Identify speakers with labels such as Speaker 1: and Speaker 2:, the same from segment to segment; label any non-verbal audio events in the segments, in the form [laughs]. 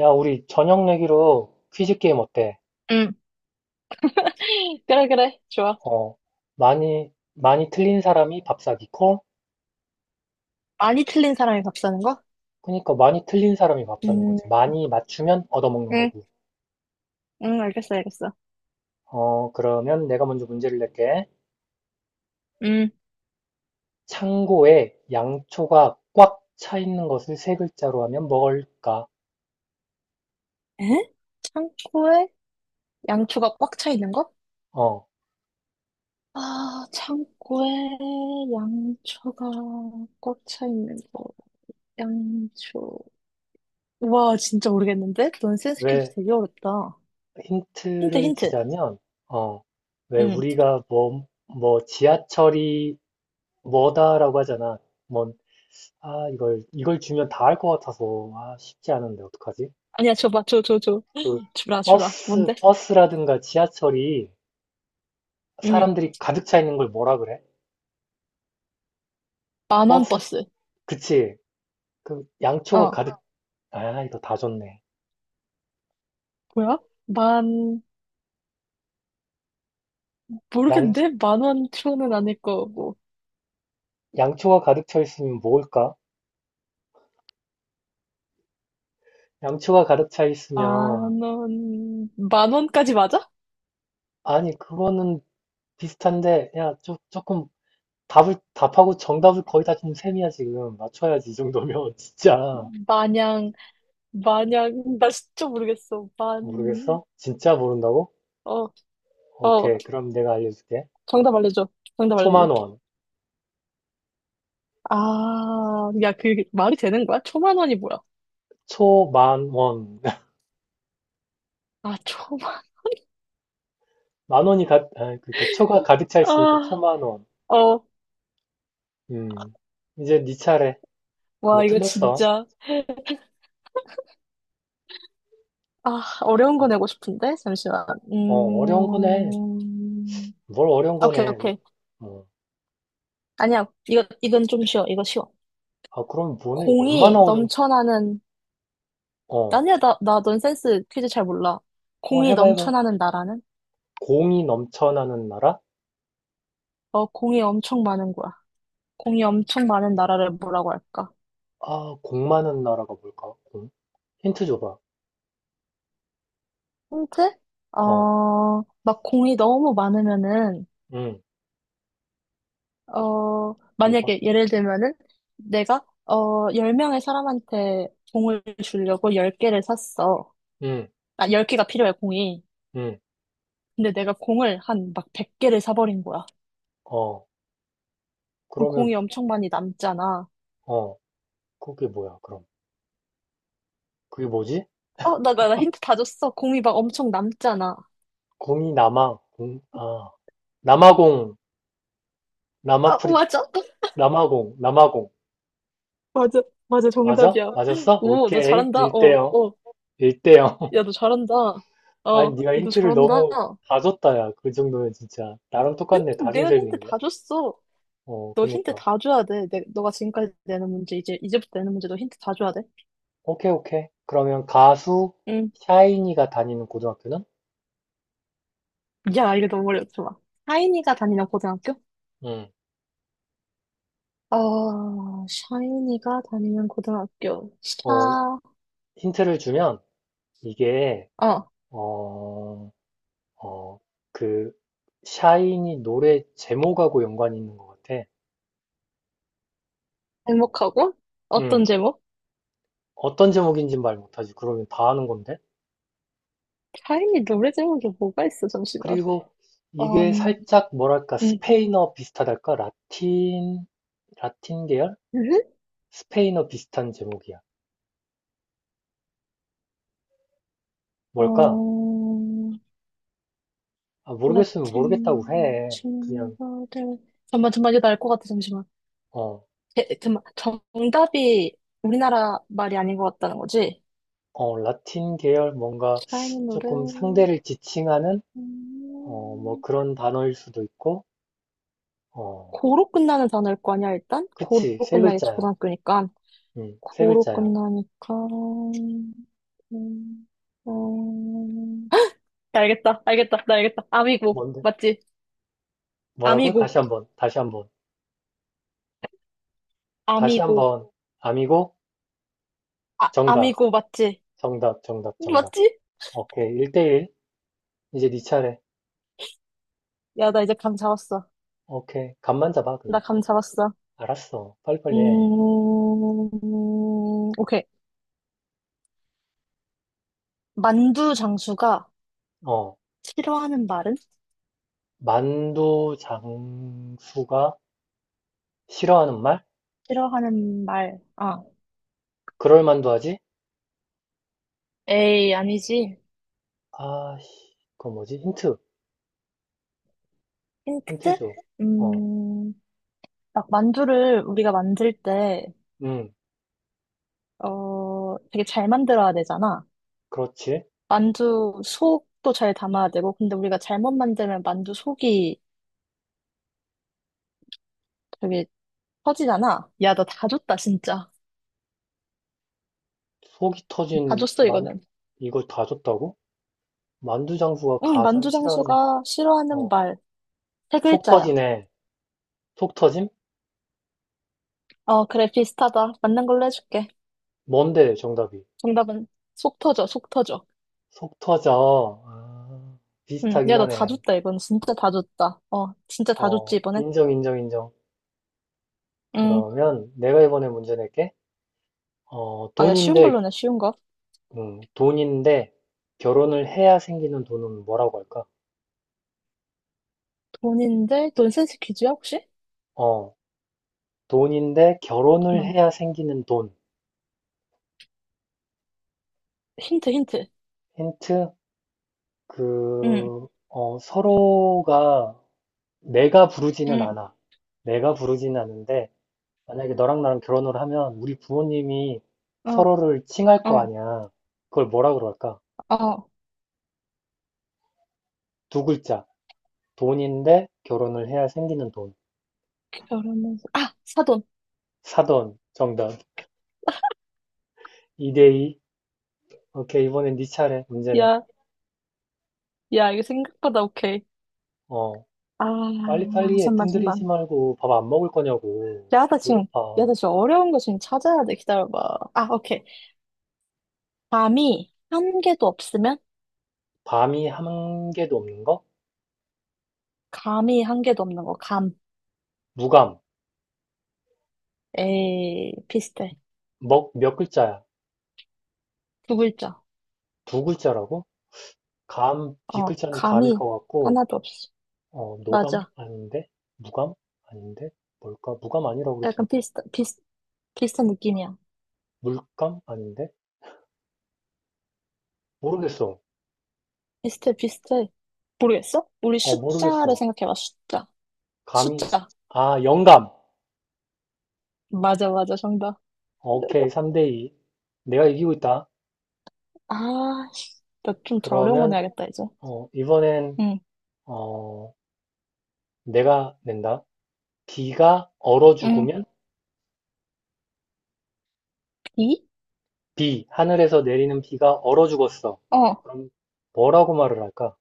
Speaker 1: 야, 우리 저녁 내기로 퀴즈 게임 어때?
Speaker 2: 응. [laughs] 그래, 그래. 좋아.
Speaker 1: 어, 많이 틀린 사람이 밥 사기 콜?
Speaker 2: 많이 틀린 사람이 밥 사는 거?
Speaker 1: 그니까 많이 틀린 사람이 밥 사는
Speaker 2: 음,
Speaker 1: 거지. 많이 맞추면 얻어먹는
Speaker 2: 응,
Speaker 1: 거고.
Speaker 2: 응, 알겠어, 알겠어.
Speaker 1: 그러면 내가 먼저 문제를 낼게.
Speaker 2: 음.
Speaker 1: 창고에 양초가 꽉 차 있는 것을 세 글자로 하면 뭘까?
Speaker 2: 에? 창고에 양초가 꽉 차 있는 거?
Speaker 1: 어,
Speaker 2: 아, 창고에 양초가 꽉 차 있는 거. 양초. 와, 진짜 모르겠는데? 넌 센스 퀴즈
Speaker 1: 왜
Speaker 2: 되게 어렵다. 힌트,
Speaker 1: 힌트를
Speaker 2: 힌트.
Speaker 1: 주자면, 어, 왜
Speaker 2: 응.
Speaker 1: 우리가 뭐, 뭐 지하철이 뭐다라고 하잖아. 뭐 이걸 주면 다 할 것 같아서, 아, 쉽지 않은데, 어떡하지?
Speaker 2: 아니야, 줘봐, 줘, 줘, 줘.
Speaker 1: 그,
Speaker 2: [laughs] 주라, 주라. 뭔데?
Speaker 1: 버스라든가 지하철이
Speaker 2: 응.
Speaker 1: 사람들이 가득 차 있는 걸 뭐라 그래?
Speaker 2: 만원
Speaker 1: 버스,
Speaker 2: 버스.
Speaker 1: 그치. 그, 양초가
Speaker 2: 어.
Speaker 1: 가득, 이거 다 줬네.
Speaker 2: 뭐야? 만,
Speaker 1: 양,
Speaker 2: 모르겠는데? 만 원, 천 원은 아닐 거고.
Speaker 1: 양초가 가득 차 있으면 뭘까? 양초가 가득 차 있으면,
Speaker 2: 만 원, 만 원까지 맞아?
Speaker 1: 아니, 그거는 비슷한데, 야, 조금, 답하고 정답을 거의 다 준 셈이야, 지금. 맞춰야지, 이 정도면. [laughs] 진짜.
Speaker 2: 마냥, 마냥, 나 진짜 모르겠어.
Speaker 1: 모르겠어? 진짜 모른다고?
Speaker 2: 어, 어,
Speaker 1: 오케이, 그럼 내가 알려줄게.
Speaker 2: 정답 알려줘. 정답 알려줘.
Speaker 1: 초만원,
Speaker 2: 아, 야, 그 말이 되는 거야? 초만 원이 뭐야?
Speaker 1: 초만원. [laughs]
Speaker 2: 아,
Speaker 1: 그러니까 초가 가득 차 있으니까
Speaker 2: 아,
Speaker 1: 초만원.
Speaker 2: 어,
Speaker 1: 음. 이제 네 차례.
Speaker 2: 와,
Speaker 1: 너
Speaker 2: 이거
Speaker 1: 틀렸어.
Speaker 2: 진짜, 아, 어려운 거 내고 싶은데? 잠시만.
Speaker 1: 어, 어, 어려운 거네.
Speaker 2: 음,
Speaker 1: 뭘 어려운
Speaker 2: 오케이,
Speaker 1: 거네.
Speaker 2: 오케이.
Speaker 1: 어.
Speaker 2: 아니야, 이건 좀 쉬워. 이거 쉬워.
Speaker 1: 그럼 뭐네?
Speaker 2: 공이
Speaker 1: 얼마나 어려운,
Speaker 2: 넘쳐나는
Speaker 1: 어.
Speaker 2: 아니야, 나 넌센스 퀴즈 잘 몰라. 공이
Speaker 1: 해봐, 해봐.
Speaker 2: 넘쳐나는 나라는?
Speaker 1: 공이 넘쳐나는 나라?
Speaker 2: 어, 공이 엄청 많은 거야. 공이 엄청 많은 나라를 뭐라고 할까?
Speaker 1: 공 많은 나라가 뭘까? 공? 힌트 줘봐.
Speaker 2: 힌트? 어,
Speaker 1: 어,
Speaker 2: 막 공이 너무 많으면은,
Speaker 1: 응,
Speaker 2: 어,
Speaker 1: 뭐봐?
Speaker 2: 만약에 예를 들면은, 내가, 어, 10명의 사람한테 공을 주려고 10개를 샀어.
Speaker 1: 응,
Speaker 2: 아, 10개가 필요해, 공이.
Speaker 1: 응,
Speaker 2: 근데 내가 공을 한 막 100개를 사버린 거야.
Speaker 1: 어.
Speaker 2: 그럼 공이
Speaker 1: 그러면,
Speaker 2: 엄청 많이 남잖아.
Speaker 1: 어, 그게 뭐야, 그럼. 그게 뭐지?
Speaker 2: 어, 나 힌트 다 줬어. 공이 막 엄청 남잖아.
Speaker 1: 공이 남아, 공, 아. 남아공
Speaker 2: 아,
Speaker 1: 남아프리
Speaker 2: 맞아?
Speaker 1: 남아공 남아공
Speaker 2: 맞아, 맞아,
Speaker 1: 맞아?
Speaker 2: 정답이야.
Speaker 1: 맞았어?
Speaker 2: 오, 너
Speaker 1: 오케이
Speaker 2: 잘한다. 어,
Speaker 1: 일대영일대영
Speaker 2: 어.
Speaker 1: [laughs]
Speaker 2: 야, 너 잘한다. 어, 야,
Speaker 1: 아니 네가
Speaker 2: 너
Speaker 1: 힌트를
Speaker 2: 잘한다.
Speaker 1: 너무 다 줬다. 야, 그 정도면 진짜 나랑
Speaker 2: 근데
Speaker 1: 똑같네. 다 준
Speaker 2: 내가 힌트
Speaker 1: 셈이네.
Speaker 2: 다 줬어. 너 힌트
Speaker 1: 그니까.
Speaker 2: 다 줘야 돼. 너가 지금까지 내는 문제, 이제부터 내는 문제 너 힌트 다 줘야 돼.
Speaker 1: 오케이. 오케이. 그러면 가수
Speaker 2: 응.
Speaker 1: 샤이니가 다니는 고등학교는?
Speaker 2: 야, 이거 너무 어려워. 좋아. 샤이니가 다니는 고등학교?
Speaker 1: 응.
Speaker 2: 어, 샤이니가 다니는 고등학교.
Speaker 1: 어 힌트를 주면 이게
Speaker 2: 어,
Speaker 1: 어 어 그 샤이니 노래 제목하고 연관이 있는 것 같아.
Speaker 2: 제목하고?
Speaker 1: 응.
Speaker 2: 어떤 제목?
Speaker 1: 어떤 제목인진 말 못하지. 그러면 다 아는 건데.
Speaker 2: 샤이니 노래 제목이 뭐가 있어, 잠시만.
Speaker 1: 그리고 이게
Speaker 2: 음,
Speaker 1: 살짝 뭐랄까,
Speaker 2: 음.
Speaker 1: 스페인어 비슷하달까? 라틴. 라틴 계열?
Speaker 2: 음?
Speaker 1: 스페인어 비슷한 제목이야. 뭘까?
Speaker 2: 어,
Speaker 1: 아, 모르겠으면 모르겠다고
Speaker 2: 라틴
Speaker 1: 해. 그냥.
Speaker 2: 친구들 잠만 잠만 이거 알것 같아 잠시만
Speaker 1: 어,
Speaker 2: 에, 잠만 정답이 우리나라 말이 아닌 것 같다는 거지?
Speaker 1: 라틴 계열 뭔가
Speaker 2: 샤이니 노래
Speaker 1: 조금 상대를 지칭하는 뭐
Speaker 2: 음,
Speaker 1: 그런 단어일 수도 있고. 어,
Speaker 2: 고로 끝나는 단어일 거 아니야 일단 고로
Speaker 1: 그치. 세
Speaker 2: 끝나게
Speaker 1: 글자야.
Speaker 2: 초등학교니까
Speaker 1: 응, 세
Speaker 2: 고로
Speaker 1: 글자야.
Speaker 2: 끝나니까 음, 헉! 나 알겠다 알겠다 나 알겠다 아미고
Speaker 1: 뭔데?
Speaker 2: 맞지?
Speaker 1: 뭐라고?
Speaker 2: 아미고
Speaker 1: 다시 한번. 다시 한번. 다시
Speaker 2: 아미고
Speaker 1: 한번. 아미고
Speaker 2: 아
Speaker 1: 정답.
Speaker 2: 아미고 맞지?
Speaker 1: 정답. 정답. 정답.
Speaker 2: 맞지?
Speaker 1: 오케이. 1대1. 이제 네 차례.
Speaker 2: 야 나 이제 감 잡았어
Speaker 1: 오케이. 간만 잡아, 그냥.
Speaker 2: 나 감 잡았어
Speaker 1: 알았어. 빨리빨리 해.
Speaker 2: 음, 오케이. 만두 장수가
Speaker 1: 어,
Speaker 2: 싫어하는 말은?
Speaker 1: 만두 장수가 싫어하는 말?
Speaker 2: 싫어하는 말. 아,
Speaker 1: 그럴 만도 하지?
Speaker 2: 에이, 아니지.
Speaker 1: 아, 씨. 그거 뭐지? 힌트. 힌트
Speaker 2: 힌트?
Speaker 1: 줘. 어,
Speaker 2: 음, 막 만두를 우리가 만들 때,
Speaker 1: 음,
Speaker 2: 어, 되게 잘 만들어야 되잖아.
Speaker 1: 그렇지.
Speaker 2: 만두 속도 잘 담아야 되고, 근데 우리가 잘못 만들면 만두 속이 되게 터지잖아. 야, 너 다 줬다, 진짜.
Speaker 1: 속이
Speaker 2: 다
Speaker 1: 터진
Speaker 2: 줬어,
Speaker 1: 만,
Speaker 2: 이거는.
Speaker 1: 이걸 다 줬다고? 만두 장수가
Speaker 2: 응,
Speaker 1: 가장
Speaker 2: 만두
Speaker 1: 싫어하는,
Speaker 2: 장수가 싫어하는
Speaker 1: 어,
Speaker 2: 말. 세
Speaker 1: 속
Speaker 2: 글자야.
Speaker 1: 터지네. 속 터짐?
Speaker 2: 어, 그래, 비슷하다. 맞는 걸로 해줄게.
Speaker 1: 뭔데, 정답이?
Speaker 2: 정답은 속 터져, 속 터져.
Speaker 1: 속 터져.
Speaker 2: 응,
Speaker 1: 비슷하긴
Speaker 2: 야, 나 다
Speaker 1: 하네.
Speaker 2: 줬다, 이건. 진짜 다 줬다. 어, 진짜 다 줬지, 이번에?
Speaker 1: 인정, 인정, 인정.
Speaker 2: 응.
Speaker 1: 그러면 내가 이번에 문제 낼게.
Speaker 2: 아, 야, 쉬운
Speaker 1: 돈인데,
Speaker 2: 걸로 내, 쉬운 거.
Speaker 1: 돈인데, 결혼을 해야 생기는 돈은 뭐라고 할까?
Speaker 2: 돈인데, 돈 센스 퀴즈야, 혹시?
Speaker 1: 어, 돈인데, 결혼을
Speaker 2: 잠깐만.
Speaker 1: 해야 생기는 돈.
Speaker 2: 힌트, 힌트.
Speaker 1: 힌트?
Speaker 2: 응,
Speaker 1: 서로가, 내가 부르지는
Speaker 2: 응,
Speaker 1: 않아. 내가 부르지는 않는데, 만약에 너랑 나랑 결혼을 하면, 우리 부모님이
Speaker 2: 어,
Speaker 1: 서로를 칭할 거
Speaker 2: 어,
Speaker 1: 아니야. 그걸 뭐라 그럴까?
Speaker 2: 어.
Speaker 1: 두 글자. 돈인데, 결혼을 해야 생기는 돈.
Speaker 2: 결혼해서, 아! 사돈.
Speaker 1: 사돈. 정답. 2대2. 오케이, 이번엔 네 차례. 문제네.
Speaker 2: 야, 야, 이거 생각보다 오케이.
Speaker 1: 어,
Speaker 2: 아,
Speaker 1: 빨리빨리
Speaker 2: 잠만,
Speaker 1: 애뜸 들이지
Speaker 2: 잠만.
Speaker 1: 말고 밥 안 먹을 거냐고.
Speaker 2: 야, 나 지금, 야,
Speaker 1: 배고파.
Speaker 2: 나 지금 어려운 거 지금 찾아야 돼. 기다려봐. 아, 오케이. 감이 한 개도 없으면?
Speaker 1: 밤이 한 개도 없는 거?
Speaker 2: 감이 한 개도 없는 거. 감.
Speaker 1: 무감.
Speaker 2: 에이, 비슷해.
Speaker 1: 먹 몇 글자야?
Speaker 2: 두 글자.
Speaker 1: 두 글자라고? 감,
Speaker 2: 어,
Speaker 1: 뒷글자는 감일
Speaker 2: 감이
Speaker 1: 것 같고,
Speaker 2: 하나도 없어.
Speaker 1: 노감?
Speaker 2: 맞아.
Speaker 1: 아닌데? 무감? 아닌데? 뭘까? 무감 아니라고
Speaker 2: 약간
Speaker 1: 그랬으니까.
Speaker 2: 비슷한 느낌이야.
Speaker 1: 물감? 아닌데? 모르겠어.
Speaker 2: 비슷해, 비슷해. 모르겠어? 우리 숫자를
Speaker 1: 모르겠어.
Speaker 2: 생각해봐, 숫자.
Speaker 1: 감이,
Speaker 2: 숫자.
Speaker 1: 아, 영감.
Speaker 2: 맞아, 맞아, 정답.
Speaker 1: 오케이. 3대2. 내가 이기고 있다.
Speaker 2: 아, 나 좀 더 어려운 거
Speaker 1: 그러면,
Speaker 2: 내야겠다, 이제.
Speaker 1: 이번엔,
Speaker 2: 응,
Speaker 1: 어, 내가 낸다. 비가 얼어
Speaker 2: 응.
Speaker 1: 죽으면
Speaker 2: 비?
Speaker 1: 하늘에서 내리는 비가 얼어 죽었어.
Speaker 2: 어.
Speaker 1: 그럼 뭐라고 말을 할까?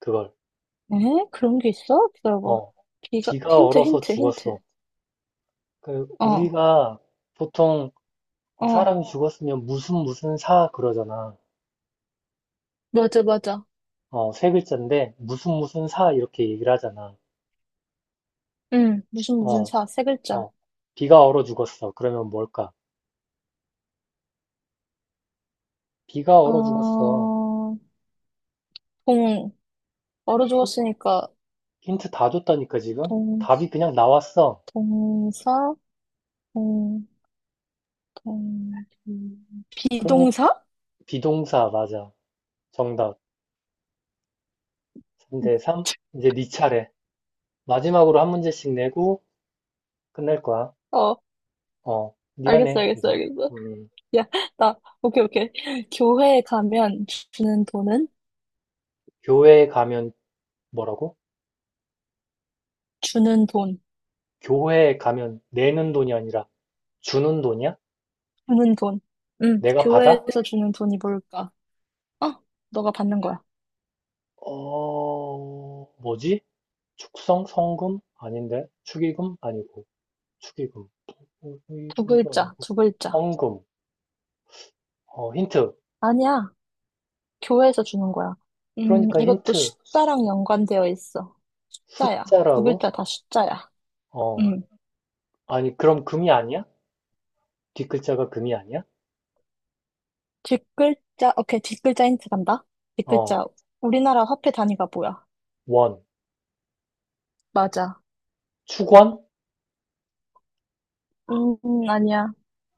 Speaker 1: 그걸.
Speaker 2: 에? 그런 게 있어? 기다려봐.
Speaker 1: 어,
Speaker 2: 비가,
Speaker 1: 비가
Speaker 2: 힌트,
Speaker 1: 얼어서
Speaker 2: 힌트, 힌트.
Speaker 1: 죽었어. 그
Speaker 2: 어,
Speaker 1: 우리가 보통
Speaker 2: 어.
Speaker 1: 사람이 죽었으면 무슨 무슨 사 그러잖아.
Speaker 2: 맞아, 맞아.
Speaker 1: 세 글자인데 무슨 무슨 사 이렇게 얘기를 하잖아.
Speaker 2: 응, 무슨, 무슨
Speaker 1: 어,
Speaker 2: 사, 세 글자.
Speaker 1: 어, 비가 얼어 죽었어. 그러면 뭘까? 비가 얼어 죽었어.
Speaker 2: 어, 동, 얼어
Speaker 1: 힌트,
Speaker 2: 죽었으니까,
Speaker 1: 힌트 다 줬다니까 지금?
Speaker 2: 동,
Speaker 1: 답이 그냥 나왔어.
Speaker 2: 동사? 동, 동, 동-
Speaker 1: 그러니까
Speaker 2: 비동사?
Speaker 1: 비동사 맞아. 정답. 문제 3.
Speaker 2: [laughs]
Speaker 1: 이제 네 차례. 마지막으로 한 문제씩 내고 끝낼 거야.
Speaker 2: 어,
Speaker 1: 네가
Speaker 2: 알겠어,
Speaker 1: 내,
Speaker 2: 알겠어,
Speaker 1: 이제.
Speaker 2: 알겠어.
Speaker 1: 음,
Speaker 2: 야, 나, 오케이, 오케이. 교회에 가면 주는 돈은?
Speaker 1: 교회에 가면 뭐라고?
Speaker 2: 주는 돈,
Speaker 1: 교회에 가면 내는 돈이 아니라 주는 돈이야?
Speaker 2: 주는 돈. 응,
Speaker 1: 내가 받아?
Speaker 2: 교회에서 주는 돈이 뭘까? 어, 너가 받는 거야.
Speaker 1: 뭐지? 축성? 성금? 아닌데? 축의금? 아니고. 축의금. 축의
Speaker 2: 두
Speaker 1: 금도
Speaker 2: 글자,
Speaker 1: 아니고.
Speaker 2: 두 글자.
Speaker 1: 헌금. 힌트.
Speaker 2: 아니야, 교회에서 주는 거야.
Speaker 1: 그러니까
Speaker 2: 이것도
Speaker 1: 힌트.
Speaker 2: 숫자랑 연관되어 있어. 숫자야. 두
Speaker 1: 숫자라고?
Speaker 2: 글자 다 숫자야.
Speaker 1: 어,
Speaker 2: 음.
Speaker 1: 아니, 그럼 금이 아니야? 뒷글자가 금이 아니야?
Speaker 2: 뒷글자, 오케이, 뒷글자 힌트 간다.
Speaker 1: 어,
Speaker 2: 뒷글자. 우리나라 화폐 단위가 뭐야?
Speaker 1: 원.
Speaker 2: 맞아.
Speaker 1: 추권?
Speaker 2: 아니야.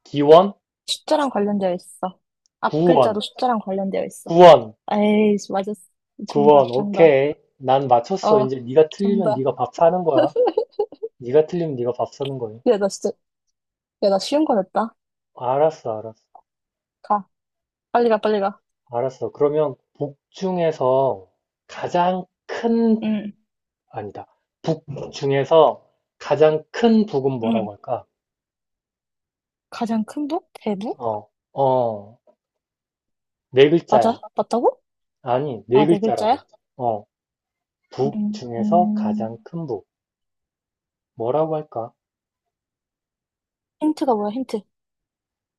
Speaker 1: 기원?
Speaker 2: 숫자랑 관련되어 있어. 앞 글자도
Speaker 1: 구원.
Speaker 2: 숫자랑 관련되어 있어.
Speaker 1: 구원.
Speaker 2: 에이, 맞았어. 정답,
Speaker 1: 구원.
Speaker 2: 정답.
Speaker 1: 오케이. 난 맞췄어.
Speaker 2: 어,
Speaker 1: 이제 네가 틀리면
Speaker 2: 정답.
Speaker 1: 네가 밥 사는 거야. 네가 틀리면 네가 밥 사는 거야.
Speaker 2: 야, 나 진짜, 야, 나 쉬운 거 냈다.
Speaker 1: 알았어, 알았어.
Speaker 2: 가. 빨리 가, 빨리 가.
Speaker 1: 알았어. 그러면 북 중에서 가장 큰
Speaker 2: 응,
Speaker 1: 아니다. 북 중에서 가장 큰 북은
Speaker 2: 응.
Speaker 1: 뭐라고 할까?
Speaker 2: 가장 큰 북? 대북?
Speaker 1: 어. 어. 네 글자야.
Speaker 2: 맞아? 맞다고?
Speaker 1: 아니, 네
Speaker 2: 아, 네 글자야?
Speaker 1: 글자라고. 어. 북
Speaker 2: 음,
Speaker 1: 중에서
Speaker 2: 음.
Speaker 1: 가장 큰 북. 뭐라고 할까?
Speaker 2: 힌트가 뭐야, 힌트?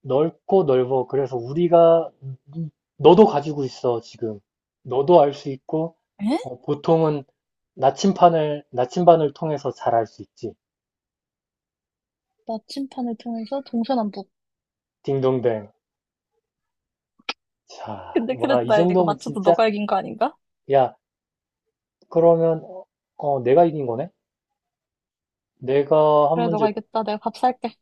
Speaker 1: 넓고 넓어. 그래서 우리가 너도 가지고 있어 지금. 너도 알 수 있고
Speaker 2: 에?
Speaker 1: 보통은 나침판을 나침반을 통해서 잘 알 수 있지.
Speaker 2: 나침판을 통해서 동서남북.
Speaker 1: 딩동댕. 자,
Speaker 2: 근데
Speaker 1: 와,
Speaker 2: 그래도
Speaker 1: 이
Speaker 2: 나 이거
Speaker 1: 정도면
Speaker 2: 맞춰도
Speaker 1: 진짜
Speaker 2: 너가 이긴 거 아닌가?
Speaker 1: 야, 그러면 내가 이긴 거네? 내가 한
Speaker 2: 그래,
Speaker 1: 문제
Speaker 2: 너가 이겼다. 내가 밥 살게.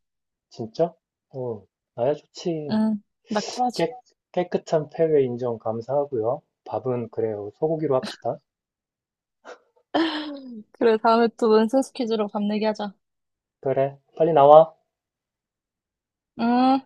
Speaker 1: 진짜? 어, 나야 좋지.
Speaker 2: 응, 나 쿨하지.
Speaker 1: 깨, 깨끗한 패배 인정 감사하고요. 밥은 그래요. 소고기로 합시다.
Speaker 2: [laughs] 그래, 다음에 또 넌센스 퀴즈로 밥 내기 하자.
Speaker 1: 그래, 빨리 나와.
Speaker 2: 음.